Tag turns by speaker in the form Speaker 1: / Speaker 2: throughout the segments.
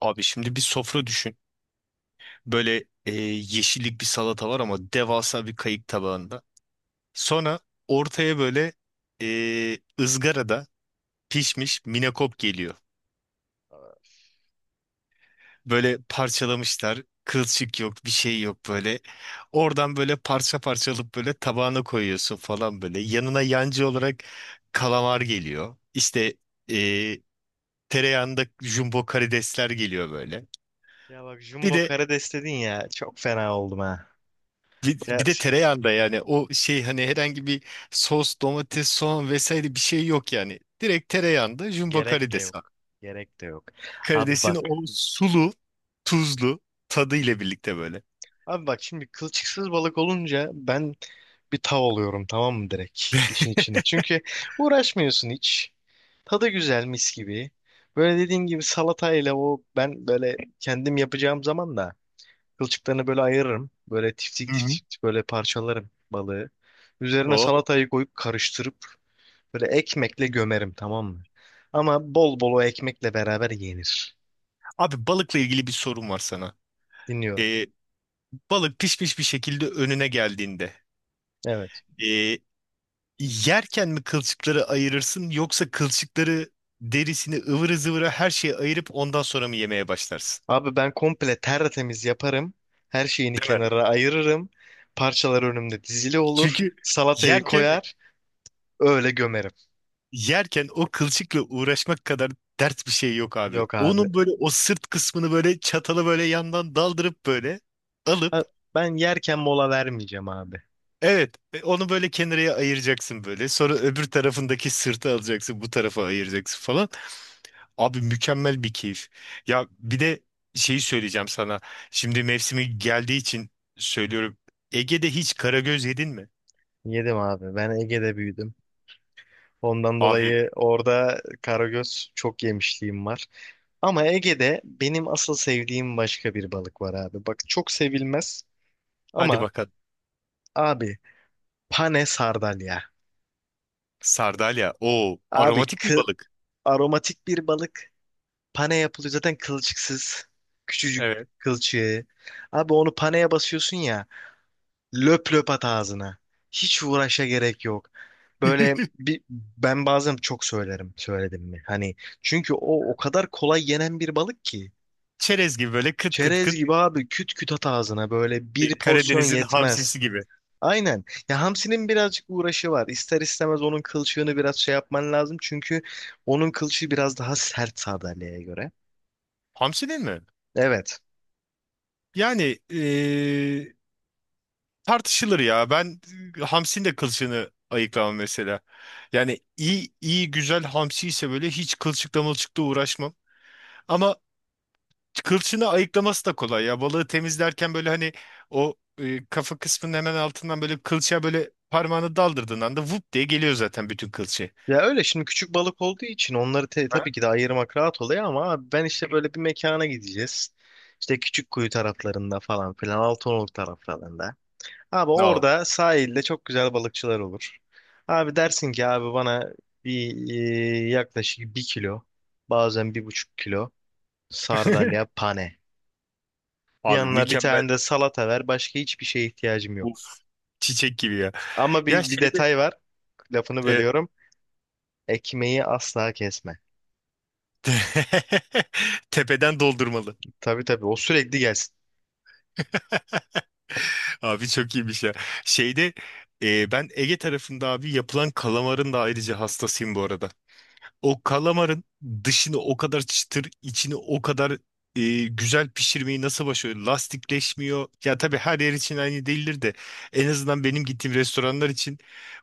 Speaker 1: Abi şimdi bir sofra düşün. Böyle yeşillik bir salata var ama devasa bir kayık tabağında. Sonra ortaya böyle ızgarada pişmiş minakop geliyor.
Speaker 2: Evet.
Speaker 1: Böyle parçalamışlar. Kılçık yok, bir şey yok böyle. Oradan böyle parça parça alıp böyle tabağına koyuyorsun falan böyle. Yanına yancı olarak kalamar geliyor. İşte e, tereyağında jumbo karidesler geliyor böyle.
Speaker 2: Ya bak
Speaker 1: Bir
Speaker 2: Jumbo
Speaker 1: de
Speaker 2: Karades dedin ya çok fena oldum ha.
Speaker 1: Bir,
Speaker 2: Ya,
Speaker 1: bir de tereyağında yani o şey hani herhangi bir sos, domates, soğan vesaire bir şey yok yani. Direkt tereyağında jumbo
Speaker 2: gerek de
Speaker 1: karides var.
Speaker 2: yok. Gerek de yok. Abi
Speaker 1: Karidesin
Speaker 2: bak.
Speaker 1: o sulu, tuzlu tadı ile birlikte böyle.
Speaker 2: Abi bak şimdi kılçıksız balık olunca ben bir tav oluyorum tamam mı direkt işin içine. Çünkü uğraşmıyorsun hiç. Tadı güzel mis gibi. Böyle dediğin gibi salatayla o ben böyle kendim yapacağım zaman da kılçıklarını böyle ayırırım. Böyle
Speaker 1: Hı
Speaker 2: tiftik
Speaker 1: hı.
Speaker 2: tiftik böyle parçalarım balığı. Üzerine
Speaker 1: O.
Speaker 2: salatayı koyup karıştırıp böyle ekmekle gömerim tamam mı? Ama bol bol o ekmekle beraber yenir.
Speaker 1: Abi balıkla ilgili bir sorum var sana.
Speaker 2: Dinliyorum.
Speaker 1: Ee, balık pişmiş bir şekilde önüne geldiğinde
Speaker 2: Evet.
Speaker 1: Ee, yerken mi kılçıkları ayırırsın yoksa kılçıkları derisini ıvırı zıvırı her şeyi ayırıp ondan sonra mı yemeye başlarsın?
Speaker 2: Abi ben komple tertemiz yaparım. Her şeyini
Speaker 1: Değil mi?
Speaker 2: kenara ayırırım. Parçalar önümde dizili olur.
Speaker 1: Çünkü tamam,
Speaker 2: Salatayı
Speaker 1: yerken
Speaker 2: koyar. Öyle gömerim.
Speaker 1: yerken o kılçıkla uğraşmak kadar dert bir şey yok abi.
Speaker 2: Yok abi.
Speaker 1: Onun böyle o sırt kısmını böyle çatalı böyle yandan daldırıp böyle alıp
Speaker 2: A- Ben yerken mola vermeyeceğim abi.
Speaker 1: evet, onu böyle kenarıya ayıracaksın böyle. Sonra öbür tarafındaki sırtı alacaksın bu tarafa ayıracaksın falan. Abi mükemmel bir keyif. Ya bir de şeyi söyleyeceğim sana. Şimdi mevsimi geldiği için söylüyorum. Ege'de hiç karagöz yedin mi?
Speaker 2: Yedim abi. Ben Ege'de büyüdüm. Ondan
Speaker 1: Abi
Speaker 2: dolayı orada karagöz çok yemişliğim var. Ama Ege'de benim asıl sevdiğim başka bir balık var abi. Bak çok sevilmez
Speaker 1: hadi
Speaker 2: ama
Speaker 1: bakalım.
Speaker 2: abi pane sardalya.
Speaker 1: Sardalya. O
Speaker 2: Abi
Speaker 1: aromatik bir balık.
Speaker 2: aromatik bir balık. Pane yapılıyor zaten kılçıksız. Küçücük
Speaker 1: Evet.
Speaker 2: kılçığı. Abi onu paneye basıyorsun ya. Löp löp at ağzına. Hiç uğraşa gerek yok. Böyle bir ben bazen çok söylerim söyledim mi? Hani çünkü o kadar kolay yenen bir balık ki.
Speaker 1: Çerez gibi böyle kıt kıt
Speaker 2: Çerez
Speaker 1: kıt.
Speaker 2: gibi abi küt küt at ağzına böyle bir
Speaker 1: Şey,
Speaker 2: porsiyon
Speaker 1: Karadeniz'in
Speaker 2: yetmez.
Speaker 1: hamsisi gibi.
Speaker 2: Aynen. Ya hamsinin birazcık uğraşı var. İster istemez onun kılçığını biraz şey yapman lazım. Çünkü onun kılçığı biraz daha sert sandalyeye göre.
Speaker 1: Hamsi değil mi?
Speaker 2: Evet.
Speaker 1: Yani tartışılır ya. Ben hamsinin de kılçığını ayıklamam mesela. Yani iyi iyi güzel hamsi ise böyle hiç kılçıkla mılçıkla uğraşmam. Ama kılçığını ayıklaması da kolay ya. Balığı temizlerken böyle hani o kafa kısmının hemen altından böyle kılçığa böyle parmağını daldırdığın anda vup diye geliyor zaten bütün kılçığı.
Speaker 2: Ya öyle şimdi küçük balık olduğu için onları
Speaker 1: Ha?
Speaker 2: tabii ki de ayırmak rahat oluyor ama abi ben işte böyle bir mekana gideceğiz. İşte Küçükkuyu taraflarında falan filan Altınoluk taraflarında. Abi
Speaker 1: No.
Speaker 2: orada sahilde çok güzel balıkçılar olur. Abi dersin ki abi bana bir yaklaşık 1 kilo bazen 1,5 kilo sardalya pane.
Speaker 1: Abi
Speaker 2: Yanına bir
Speaker 1: mükemmel.
Speaker 2: tane de salata ver. Başka hiçbir şeye ihtiyacım
Speaker 1: Uf.
Speaker 2: yok.
Speaker 1: Çiçek gibi ya.
Speaker 2: Ama
Speaker 1: Ya
Speaker 2: bir
Speaker 1: şeyde
Speaker 2: detay var. Lafını
Speaker 1: e,
Speaker 2: bölüyorum. Ekmeği asla kesme.
Speaker 1: tepeden doldurmalı.
Speaker 2: Tabii tabii o sürekli gelsin.
Speaker 1: Abi çok iyiymiş ya. Şeyde ben Ege tarafında abi yapılan kalamarın da ayrıca hastasıyım bu arada. O kalamarın dışını o kadar çıtır, içini o kadar güzel pişirmeyi nasıl başarıyor? Lastikleşmiyor. Ya tabii her yer için aynı değildir de en azından benim gittiğim restoranlar için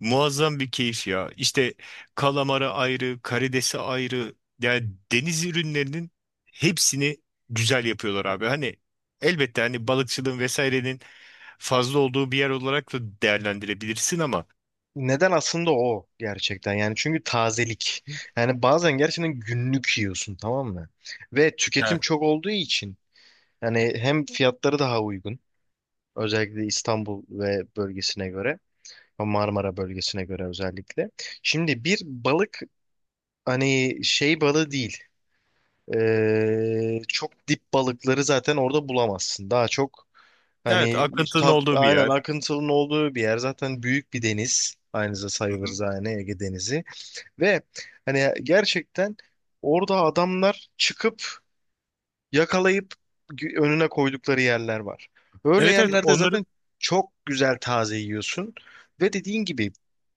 Speaker 1: muazzam bir keyif ya. İşte kalamarı ayrı, karidesi ayrı. Yani deniz ürünlerinin hepsini güzel yapıyorlar abi. Hani elbette hani balıkçılığın vesairenin fazla olduğu bir yer olarak da değerlendirebilirsin ama
Speaker 2: Neden aslında o gerçekten yani çünkü tazelik. Yani bazen gerçekten günlük yiyorsun tamam mı? Ve tüketim
Speaker 1: evet.
Speaker 2: çok olduğu için yani hem fiyatları daha uygun, özellikle İstanbul ve bölgesine göre, Marmara bölgesine göre özellikle. Şimdi bir balık hani şey balığı değil. Çok dip balıkları zaten orada bulamazsın. Daha çok
Speaker 1: Evet,
Speaker 2: hani
Speaker 1: akıntının
Speaker 2: tat,
Speaker 1: olduğu bir
Speaker 2: aynen
Speaker 1: yer.
Speaker 2: akıntının olduğu bir yer. Zaten büyük bir deniz. Aynıza
Speaker 1: Hı
Speaker 2: sayılır
Speaker 1: hı.
Speaker 2: zaten Ege Denizi. Ve hani gerçekten orada adamlar çıkıp yakalayıp önüne koydukları yerler var. Öyle
Speaker 1: Evet, evet,
Speaker 2: yerlerde zaten
Speaker 1: onların
Speaker 2: çok güzel taze yiyorsun ve dediğin gibi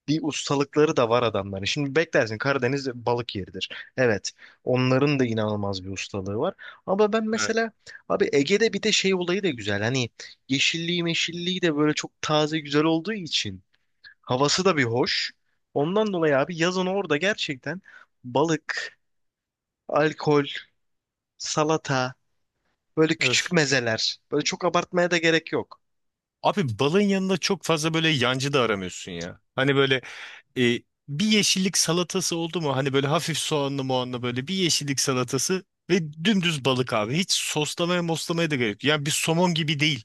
Speaker 2: bir ustalıkları da var adamların. Şimdi beklersin Karadeniz balık yeridir. Evet, onların da inanılmaz bir ustalığı var. Ama ben mesela abi Ege'de bir de şey olayı da güzel. Hani yeşilliği meşilliği de böyle çok taze güzel olduğu için havası da bir hoş. Ondan dolayı abi yazın orada gerçekten balık, alkol, salata. Böyle küçük
Speaker 1: öf.
Speaker 2: mezeler. Böyle çok abartmaya da gerek yok.
Speaker 1: Abi balın yanında çok fazla böyle yancı da aramıyorsun ya. Hani böyle e, bir yeşillik salatası oldu mu? Hani böyle hafif soğanlı moğanlı böyle bir yeşillik salatası ve dümdüz balık abi. Hiç soslamaya moslamaya da gerek yok. Yani bir somon gibi değil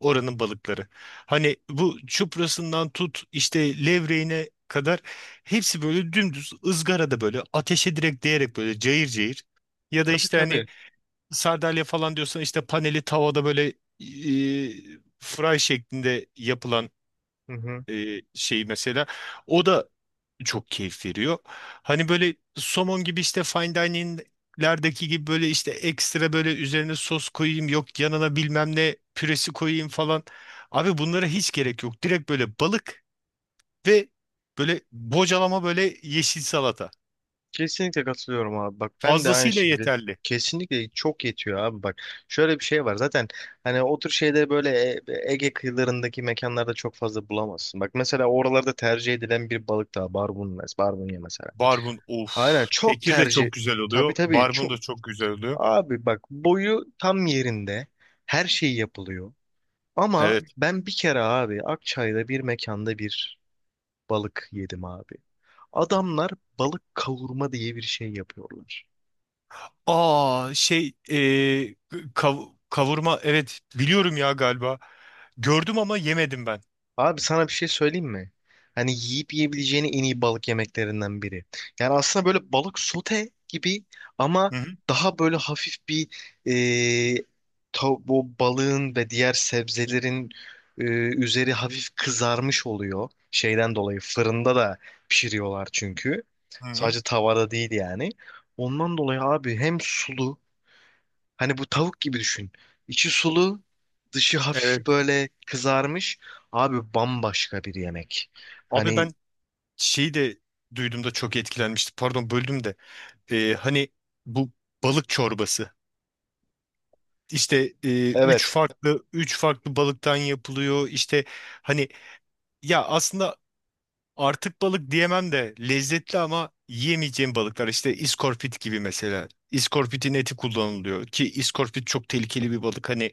Speaker 1: oranın balıkları. Hani bu çuprasından tut işte levreğine kadar hepsi böyle dümdüz ızgarada böyle ateşe direkt değerek böyle cayır cayır. Ya da
Speaker 2: Tabii
Speaker 1: işte hani
Speaker 2: tabii.
Speaker 1: sardalya falan diyorsan işte paneli tavada böyle fry şeklinde yapılan
Speaker 2: Hı hı.
Speaker 1: şey mesela. O da çok keyif veriyor. Hani böyle somon gibi işte fine dining'lerdeki gibi böyle işte ekstra böyle üzerine sos koyayım yok yanına bilmem ne püresi koyayım falan. Abi bunlara hiç gerek yok. Direkt böyle balık ve böyle bocalama böyle yeşil salata.
Speaker 2: Kesinlikle katılıyorum abi. Bak ben de aynı
Speaker 1: Fazlasıyla
Speaker 2: şekilde.
Speaker 1: yeterli.
Speaker 2: Kesinlikle çok yetiyor abi bak. Şöyle bir şey var zaten hani o tür şeyleri böyle Ege kıyılarındaki mekanlarda çok fazla bulamazsın. Bak mesela oralarda tercih edilen bir balık daha barbunya, barbunya mesela.
Speaker 1: Barbun
Speaker 2: Aynen
Speaker 1: of.
Speaker 2: çok
Speaker 1: Tekir de
Speaker 2: tercih.
Speaker 1: çok güzel oluyor.
Speaker 2: Tabii tabii
Speaker 1: Barbun
Speaker 2: çok.
Speaker 1: da çok güzel oluyor.
Speaker 2: Abi bak boyu tam yerinde. Her şey yapılıyor. Ama
Speaker 1: Evet.
Speaker 2: ben bir kere abi Akçay'da bir mekanda bir balık yedim abi. Adamlar balık kavurma diye bir şey yapıyorlar.
Speaker 1: Aa şey kavurma evet, biliyorum ya galiba. Gördüm ama yemedim ben.
Speaker 2: Abi sana bir şey söyleyeyim mi? Hani yiyip yiyebileceğin en iyi balık yemeklerinden biri. Yani aslında böyle balık sote gibi ama
Speaker 1: Hı hı.
Speaker 2: daha böyle hafif bir e, bu balığın ve diğer sebzelerin e, üzeri hafif kızarmış oluyor. Şeyden dolayı fırında da pişiriyorlar çünkü.
Speaker 1: Hı hı.
Speaker 2: Sadece tavada değil yani. Ondan dolayı abi hem sulu. Hani bu tavuk gibi düşün. İçi sulu, dışı hafif
Speaker 1: Evet.
Speaker 2: böyle kızarmış. Abi bambaşka bir yemek.
Speaker 1: Abi
Speaker 2: Hani.
Speaker 1: ben şeyi de duyduğumda çok etkilenmiştim. Pardon böldüm de. Hani bu balık çorbası. İşte üç
Speaker 2: Evet.
Speaker 1: farklı üç farklı balıktan yapılıyor. İşte hani ya aslında artık balık diyemem de lezzetli ama yiyemeyeceğim balıklar işte iskorpit gibi mesela. İskorpitin eti kullanılıyor ki iskorpit çok tehlikeli bir balık hani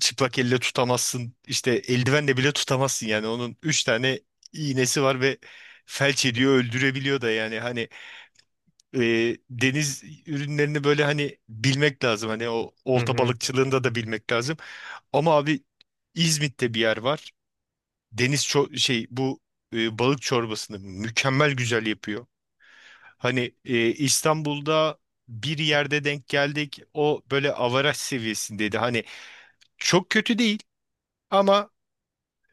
Speaker 1: çıplak elle tutamazsın işte eldivenle bile tutamazsın yani onun 3 tane iğnesi var ve felç ediyor öldürebiliyor da yani hani deniz ürünlerini böyle hani bilmek lazım hani o
Speaker 2: Hı
Speaker 1: olta
Speaker 2: hı.
Speaker 1: balıkçılığında da bilmek lazım ama abi İzmit'te bir yer var deniz ço- şey bu balık çorbasını mükemmel güzel yapıyor. Hani İstanbul'da bir yerde denk geldik. O böyle avaraj seviyesindeydi. Hani çok kötü değil ama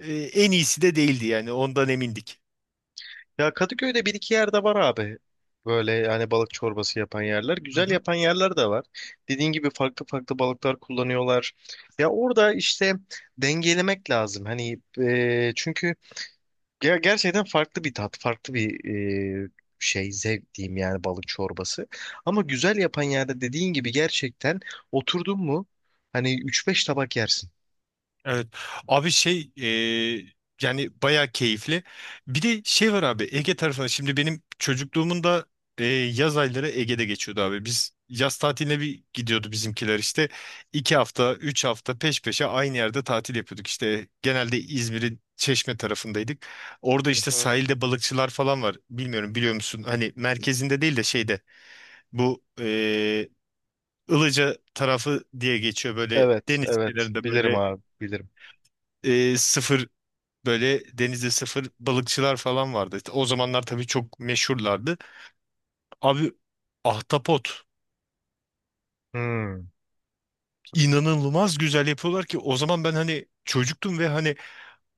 Speaker 1: en iyisi de değildi yani ondan emindik.
Speaker 2: Ya Kadıköy'de bir iki yerde var abi. Böyle yani balık çorbası yapan yerler. Güzel yapan yerler de var. Dediğin gibi farklı farklı balıklar kullanıyorlar. Ya orada işte dengelemek lazım. Hani çünkü gerçekten farklı bir tat, farklı bir e, şey, zevk diyeyim yani balık çorbası. Ama güzel yapan yerde dediğin gibi gerçekten oturdun mu hani üç beş tabak yersin.
Speaker 1: Evet. Abi şey e, yani bayağı keyifli. Bir de şey var abi Ege tarafına. Şimdi benim çocukluğumun da yaz ayları Ege'de geçiyordu abi. Biz yaz tatiline bir gidiyordu bizimkiler işte. 2 hafta, 3 hafta peş peşe aynı yerde tatil yapıyorduk. İşte genelde İzmir'in Çeşme tarafındaydık. Orada
Speaker 2: Hı
Speaker 1: işte
Speaker 2: hı.
Speaker 1: sahilde balıkçılar falan var. Bilmiyorum, biliyor musun? Hani merkezinde değil de şeyde bu Ilıca tarafı diye geçiyor böyle
Speaker 2: Evet,
Speaker 1: deniz
Speaker 2: evet.
Speaker 1: kenarında
Speaker 2: Bilirim
Speaker 1: böyle
Speaker 2: abi, bilirim.
Speaker 1: e, böyle denizde sıfır balıkçılar falan vardı. İşte o zamanlar tabii çok meşhurlardı. Abi ahtapot
Speaker 2: Hmm.
Speaker 1: inanılmaz güzel yapıyorlar ki o zaman ben hani çocuktum ve hani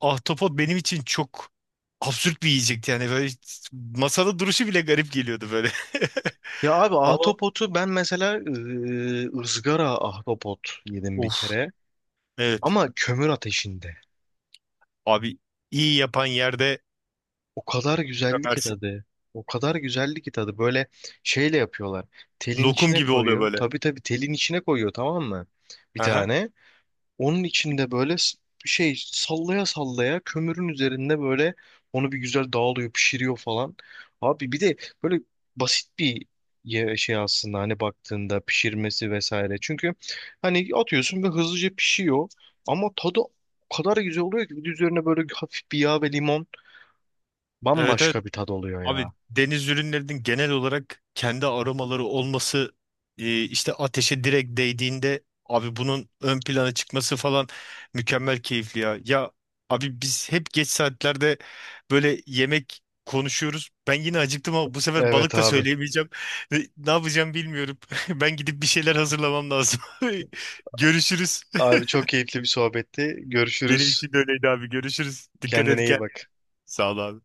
Speaker 1: ahtapot benim için çok absürt bir yiyecekti. Yani böyle masada duruşu bile garip geliyordu böyle.
Speaker 2: Ya abi
Speaker 1: Ama
Speaker 2: ahtapotu ben mesela ızgara ahtapot yedim bir
Speaker 1: of,
Speaker 2: kere.
Speaker 1: evet
Speaker 2: Ama kömür ateşinde.
Speaker 1: abi, iyi yapan yerde
Speaker 2: O kadar güzeldi ki
Speaker 1: gömersin.
Speaker 2: tadı. O kadar güzeldi ki tadı. Böyle şeyle yapıyorlar. Telin
Speaker 1: Lokum
Speaker 2: içine
Speaker 1: gibi oluyor
Speaker 2: koyuyor.
Speaker 1: böyle.
Speaker 2: Tabii tabii telin içine koyuyor tamam mı? Bir
Speaker 1: Aha.
Speaker 2: tane. Onun içinde böyle şey sallaya sallaya kömürün üzerinde böyle onu bir güzel dağılıyor, pişiriyor falan. Abi bir de böyle basit bir şey aslında hani baktığında pişirmesi vesaire. Çünkü hani atıyorsun ve hızlıca pişiyor ama tadı o kadar güzel oluyor ki bir de üzerine böyle hafif bir yağ ve limon.
Speaker 1: Evet, evet.
Speaker 2: Bambaşka bir tad oluyor
Speaker 1: Abi
Speaker 2: ya.
Speaker 1: deniz ürünlerinin genel olarak kendi aromaları olması işte ateşe direkt değdiğinde abi bunun ön plana çıkması falan mükemmel keyifli ya. Ya abi biz hep geç saatlerde böyle yemek konuşuyoruz. Ben yine acıktım ama bu sefer
Speaker 2: Evet
Speaker 1: balık da
Speaker 2: abi.
Speaker 1: söyleyemeyeceğim. Ne yapacağım bilmiyorum. Ben gidip bir şeyler hazırlamam lazım. Görüşürüz.
Speaker 2: Abi çok keyifli bir sohbetti.
Speaker 1: Benim
Speaker 2: Görüşürüz.
Speaker 1: için de öyleydi abi. Görüşürüz. Dikkat
Speaker 2: Kendine
Speaker 1: et
Speaker 2: iyi
Speaker 1: kendine.
Speaker 2: bak.
Speaker 1: Sağ ol abi.